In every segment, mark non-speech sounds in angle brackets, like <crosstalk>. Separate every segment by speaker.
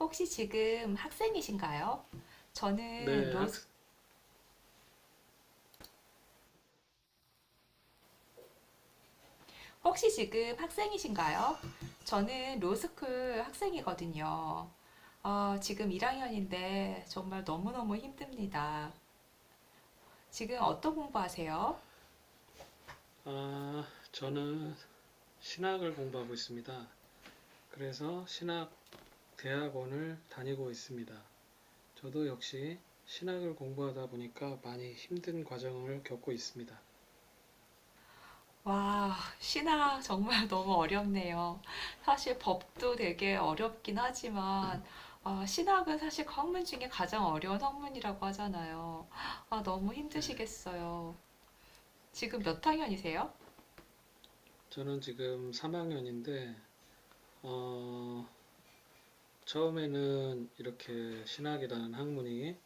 Speaker 1: 혹시 지금 학생이신가요? 저는
Speaker 2: 네, 학,
Speaker 1: 로스 혹시 지금 학생이신가요? 저는 로스쿨 학생이거든요. 지금 1학년인데 정말 너무너무 힘듭니다. 지금 어떤 공부하세요?
Speaker 2: 아, 저는 신학을 공부하고 있습니다. 그래서 신학 대학원을 다니고 있습니다. 저도 역시 신학을 공부하다 보니까 많이 힘든 과정을 겪고 있습니다.
Speaker 1: 와, 신학 정말 <laughs> 너무 어렵네요. 사실 법도 되게 어렵긴 하지만 아, 신학은 사실 그 학문 중에 가장 어려운 학문이라고 하잖아요. 아, 너무 힘드시겠어요. 지금 몇 학년이세요?
Speaker 2: 저는 지금 3학년인데, 처음에는 이렇게 신학이라는 학문이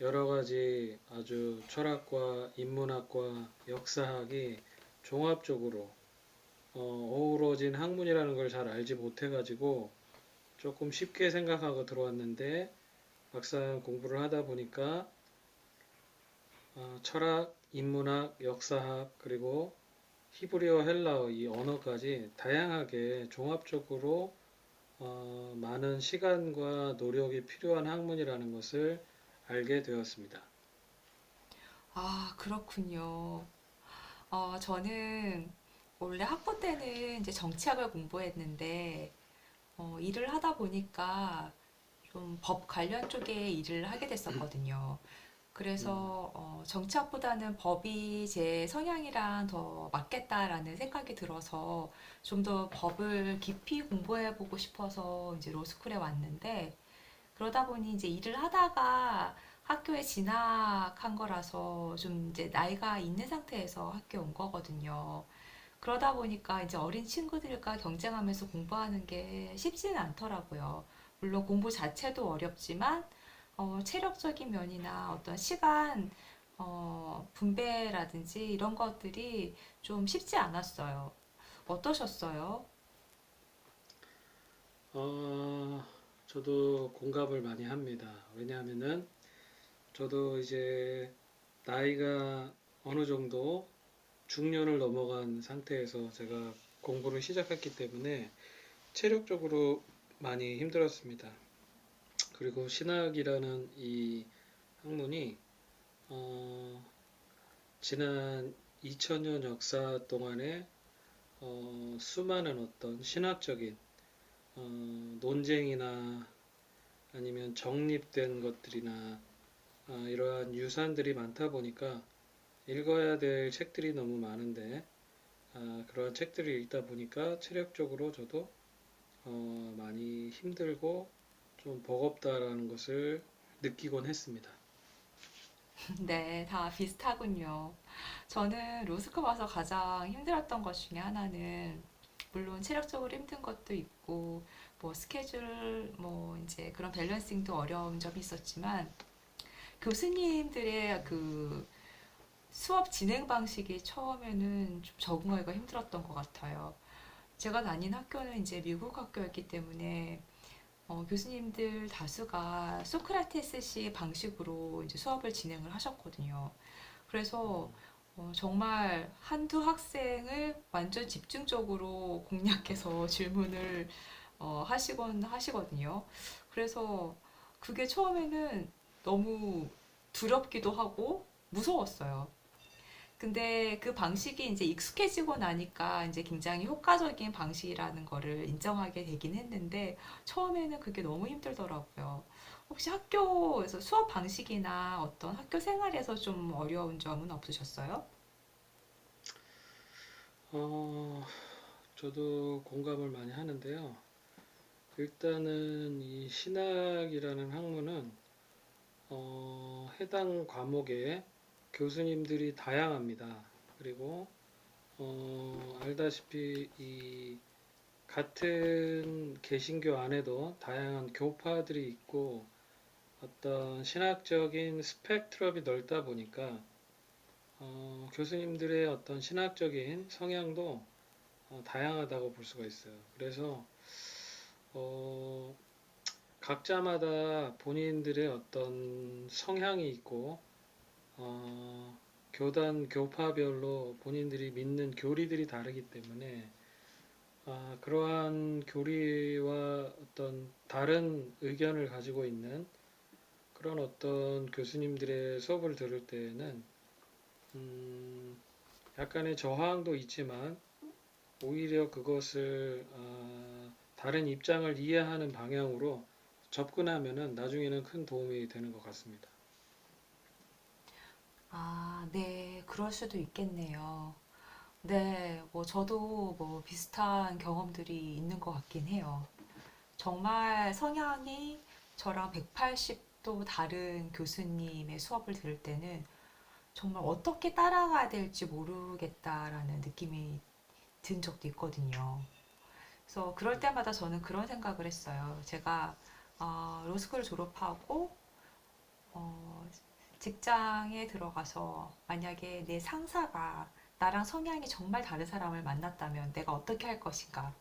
Speaker 2: 여러 가지 아주 철학과 인문학과 역사학이 종합적으로 어우러진 학문이라는 걸 잘 알지 못해가지고 조금 쉽게 생각하고 들어왔는데 막상 공부를 하다 보니까 철학, 인문학, 역사학 그리고 히브리어, 헬라어 이 언어까지 다양하게 종합적으로 많은 시간과 노력이 필요한 학문이라는 것을 알게 되었습니다.
Speaker 1: 아, 그렇군요. 저는 원래 학부 때는 이제 정치학을 공부했는데, 일을 하다 보니까 좀 법 관련 쪽에 일을 하게 됐었거든요.
Speaker 2: 음,
Speaker 1: 그래서 어, 정치학보다는 법이 제 성향이랑 더 맞겠다라는 생각이 들어서 좀 더 법을 깊이 공부해 보고 싶어서 이제 로스쿨에 왔는데, 그러다 보니 이제 일을 하다가 학교에 진학한 거라서 좀 이제 나이가 있는 상태에서 학교에 온 거거든요. 그러다 보니까 이제 어린 친구들과 경쟁하면서 공부하는 게 쉽지는 않더라고요. 물론 공부 자체도 어렵지만 어, 체력적인 면이나 어떤 시간 어, 분배라든지 이런 것들이 좀 쉽지 않았어요. 어떠셨어요?
Speaker 2: 어, 저도 공감을 많이 합니다. 왜냐하면은 저도 이제 나이가 어느 정도 중년을 넘어간 상태에서 제가 공부를 시작했기 때문에 체력적으로 많이 힘들었습니다. 그리고 신학이라는 이 학문이 어, 지난 2000년 역사 동안에 수많은 어떤 신학적인 어, 논쟁이나 아니면 정립된 것들이나 이러한 유산들이 많다 보니까 읽어야 될 책들이 너무 많은데 그러한 책들을 읽다 보니까 체력적으로 저도 많이 힘들고 좀 버겁다라는 것을 느끼곤 했습니다.
Speaker 1: 네, 다 비슷하군요. 저는 로스쿨 와서 가장 힘들었던 것 중에 하나는 물론 체력적으로 힘든 것도 있고 뭐 스케줄 뭐 이제 그런 밸런싱도 어려운 점이 있었지만 교수님들의 그 수업 진행 방식이 처음에는 좀 적응하기가 힘들었던 것 같아요. 제가 다닌 학교는 이제 미국 학교였기 때문에 어, 교수님들 다수가 소크라테스식 방식으로 이제 수업을 진행을 하셨거든요. 그래서 어, 정말 한두 학생을 완전 집중적으로 공략해서 <laughs> 질문을 어, 하시곤 하시거든요. 그래서 그게 처음에는 너무 두렵기도 하고 무서웠어요. 근데 그 방식이 이제 익숙해지고 나니까 이제 굉장히 효과적인 방식이라는 거를 인정하게 되긴 했는데 처음에는 그게 너무 힘들더라고요. 혹시 학교에서 수업 방식이나 어떤 학교 생활에서 좀 어려운 점은 없으셨어요?
Speaker 2: 어, 저도 공감을 많이 하는데요. 일단은 이 신학이라는 학문은 해당 과목에 교수님들이 다양합니다. 그리고 알다시피 이 같은 개신교 안에도 다양한 교파들이 있고 어떤 신학적인 스펙트럼이 넓다 보니까 교수님들의 어떤 신학적인 성향도 다양하다고 볼 수가 있어요. 그래서 어, 각자마다 본인들의 어떤 성향이 있고 어, 교단 교파별로 본인들이 믿는 교리들이 다르기 때문에 그러한 교리와 어떤 다른 의견을 가지고 있는 그런 어떤 교수님들의 수업을 들을 때에는 음, 약간의 저항도 있지만 오히려 그것을 다른 입장을 이해하는 방향으로 접근하면은 나중에는 큰 도움이 되는 것 같습니다.
Speaker 1: 아, 네, 그럴 수도 있겠네요. 네, 뭐 저도 뭐 비슷한 경험들이 있는 것 같긴 해요. 정말 성향이 저랑 180도 다른 교수님의 수업을 들을 때는 정말 어떻게 따라가야 될지 모르겠다라는 느낌이 든 적도 있거든요. 그래서 그럴 때마다 저는 그런 생각을 했어요. 제가 로스쿨 졸업하고 어, 직장에 들어가서 만약에 내 상사가 나랑 성향이 정말 다른 사람을 만났다면 내가 어떻게 할 것인가?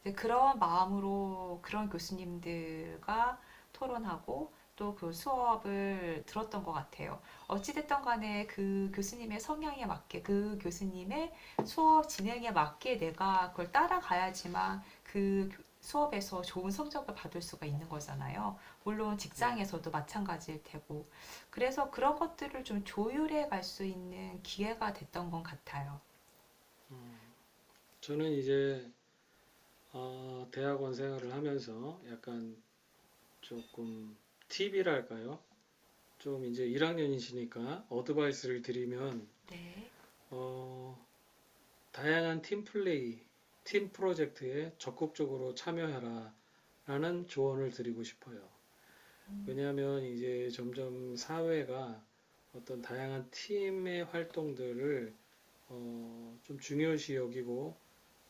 Speaker 1: 이제 그런 마음으로 그런 교수님들과 토론하고 또 그 수업을 들었던 것 같아요. 어찌됐든 간에 그 교수님의 성향에 맞게, 그 교수님의 수업 진행에 맞게 내가 그걸 따라가야지만 그 수업에서 좋은 성적을 받을 수가 있는 거잖아요. 물론 직장에서도 마찬가지일 테고. 그래서 그런 것들을 좀 조율해 갈 수 있는 기회가 됐던 것 같아요.
Speaker 2: 저는 이제 대학원 생활을 하면서 약간 조금 팁이랄까요? 좀 이제 1학년이시니까 어드바이스를 드리면
Speaker 1: 네.
Speaker 2: 어, 다양한 팀 플레이, 팀 프로젝트에 적극적으로 참여해라 라는 조언을 드리고 싶어요. 왜냐하면 이제 점점 사회가 어떤 다양한 팀의 활동들을 좀 중요시 여기고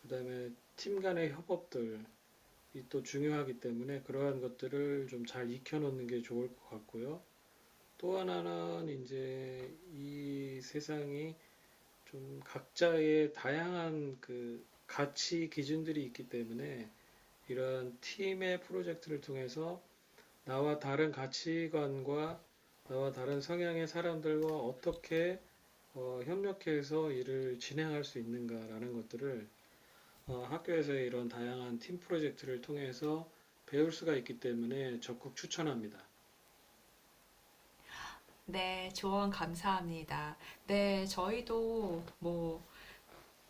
Speaker 2: 그다음에 팀 간의 협업들이 또 중요하기 때문에 그러한 것들을 좀 잘 익혀놓는 게 좋을 것 같고요. 또 하나는 이제 이 세상이 좀 각자의 다양한 그 가치 기준들이 있기 때문에 이러한 팀의 프로젝트를 통해서 나와 다른 가치관과 나와 다른 성향의 사람들과 어떻게 협력해서 일을 진행할 수 있는가라는 것들을 학교에서의 이런 다양한 팀 프로젝트를 통해서 배울 수가 있기 때문에 적극 추천합니다.
Speaker 1: 네, 조언 감사합니다. 네, 저희도 뭐,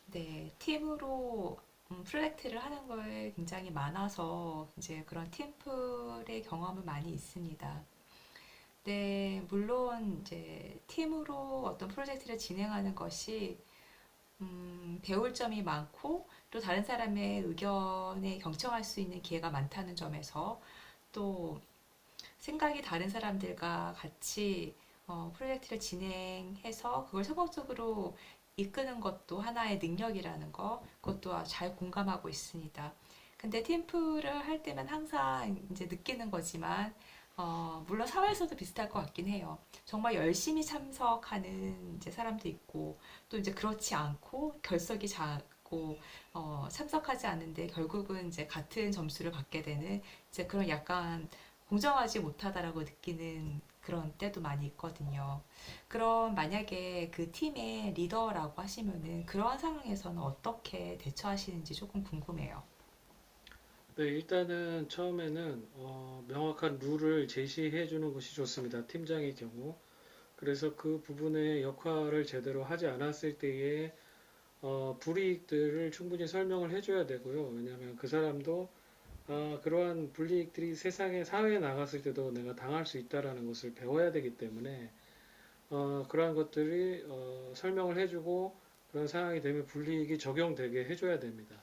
Speaker 1: 네, 팀으로 프로젝트를 하는 거에 굉장히 많아서 이제 그런 팀플의 경험을 많이 있습니다. 네, 물론 이제 팀으로 어떤 프로젝트를 진행하는 것이 배울 점이 많고 또 다른 사람의 의견에 경청할 수 있는 기회가 많다는 점에서 또 생각이 다른 사람들과 같이 어, 프로젝트를 진행해서 그걸 성공적으로 이끄는 것도 하나의 능력이라는 거, 그것도 잘 공감하고 있습니다. 근데 팀플을 할 때면 항상 이제 느끼는 거지만, 어, 물론 사회에서도 비슷할 것 같긴 해요. 정말 열심히 참석하는 이제 사람도 있고, 또 이제 그렇지 않고 결석이 작고, 어, 참석하지 않는데 결국은 이제 같은 점수를 받게 되는 이제 그런 약간 공정하지 못하다라고 느끼는 그런 때도 많이 있거든요. 그럼 만약에 그 팀의 리더라고 하시면은 그러한 상황에서는 어떻게 대처하시는지 조금 궁금해요.
Speaker 2: 네, 일단은 처음에는 명확한 룰을 제시해 주는 것이 좋습니다. 팀장의 경우. 그래서 그 부분의 역할을 제대로 하지 않았을 때에 불이익들을 충분히 설명을 해줘야 되고요. 왜냐하면 그 사람도 그러한 불이익들이 세상에 사회에 나갔을 때도 내가 당할 수 있다라는 것을 배워야 되기 때문에 그러한 것들이 설명을 해주고 그런 상황이 되면 불이익이 적용되게 해줘야 됩니다.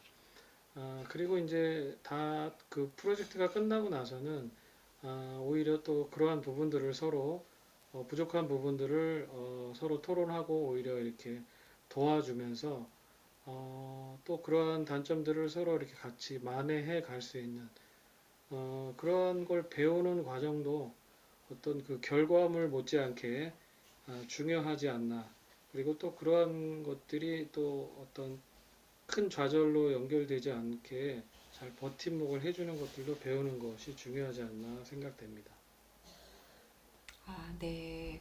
Speaker 2: 그리고 이제 다 그 프로젝트가 끝나고 나서는 오히려 또 그러한 부분들을 서로 부족한 부분들을 서로 토론하고 오히려 이렇게 도와주면서 또 그러한 단점들을 서로 이렇게 같이 만회해 갈 수 있는 그런 걸 배우는 과정도 어떤 그 결과물 못지않게 중요하지 않나. 그리고 또 그러한 것들이 또 어떤 큰 좌절로 연결되지 않게 잘 버팀목을 해주는 것들도 배우는 것이 중요하지 않나 생각됩니다.
Speaker 1: 아, 네.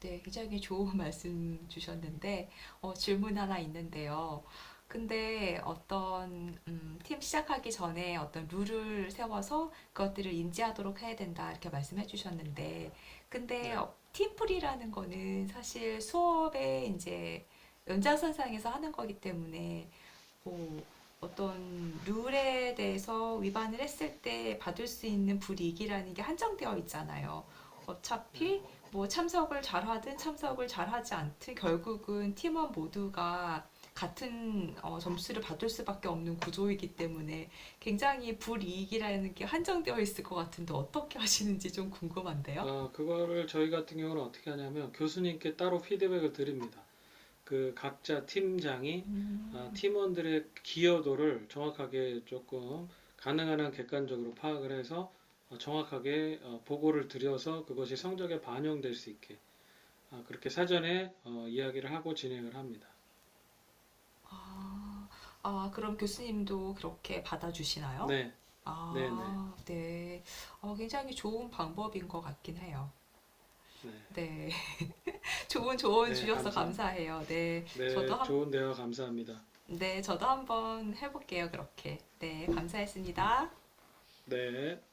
Speaker 1: 네, 굉장히 좋은 <laughs> 말씀 주셨는데, 어, 질문 하나 있는데요. 근데 어떤, 팀 시작하기 전에 어떤 룰을 세워서 그것들을 인지하도록 해야 된다, 이렇게 말씀해 주셨는데, 근데
Speaker 2: 네.
Speaker 1: 어, 팀플이라는 거는 사실 수업에 이제 연장선상에서 하는 거기 때문에 뭐 어떤 룰에 대해서 위반을 했을 때 받을 수 있는 불이익이라는 게 한정되어 있잖아요. 어차피 뭐 참석을 잘하든 참석을 잘하지 않든 결국은 팀원 모두가 같은 어, 점수를 받을 수밖에 없는 구조이기 때문에 굉장히 불이익이라는 게 한정되어 있을 것 같은데 어떻게 하시는지 좀 궁금한데요.
Speaker 2: 그거를 저희 같은 경우는 어떻게 하냐면 교수님께 따로 피드백을 드립니다. 그 각자 팀장이
Speaker 1: 음.
Speaker 2: 팀원들의 기여도를 정확하게 조금 가능한 한 객관적으로 파악을 해서 정확하게 보고를 드려서 그것이 성적에 반영될 수 있게 그렇게 사전에 이야기를 하고 진행을 합니다.
Speaker 1: 아, 아, 그럼 교수님도 그렇게 받아주시나요?
Speaker 2: 네, 네, 네,
Speaker 1: 아, 네. 어, 굉장히 좋은 방법인 것 같긴 해요.
Speaker 2: 네,
Speaker 1: 네. <laughs> 좋은 조언
Speaker 2: 네,
Speaker 1: 주셔서
Speaker 2: 감사합니다.
Speaker 1: 감사해요. 네. 저도
Speaker 2: 네,
Speaker 1: 한,
Speaker 2: 좋은 대화 감사합니다.
Speaker 1: 네. 저도 한번 해볼게요. 그렇게. 네. 감사했습니다.
Speaker 2: 네.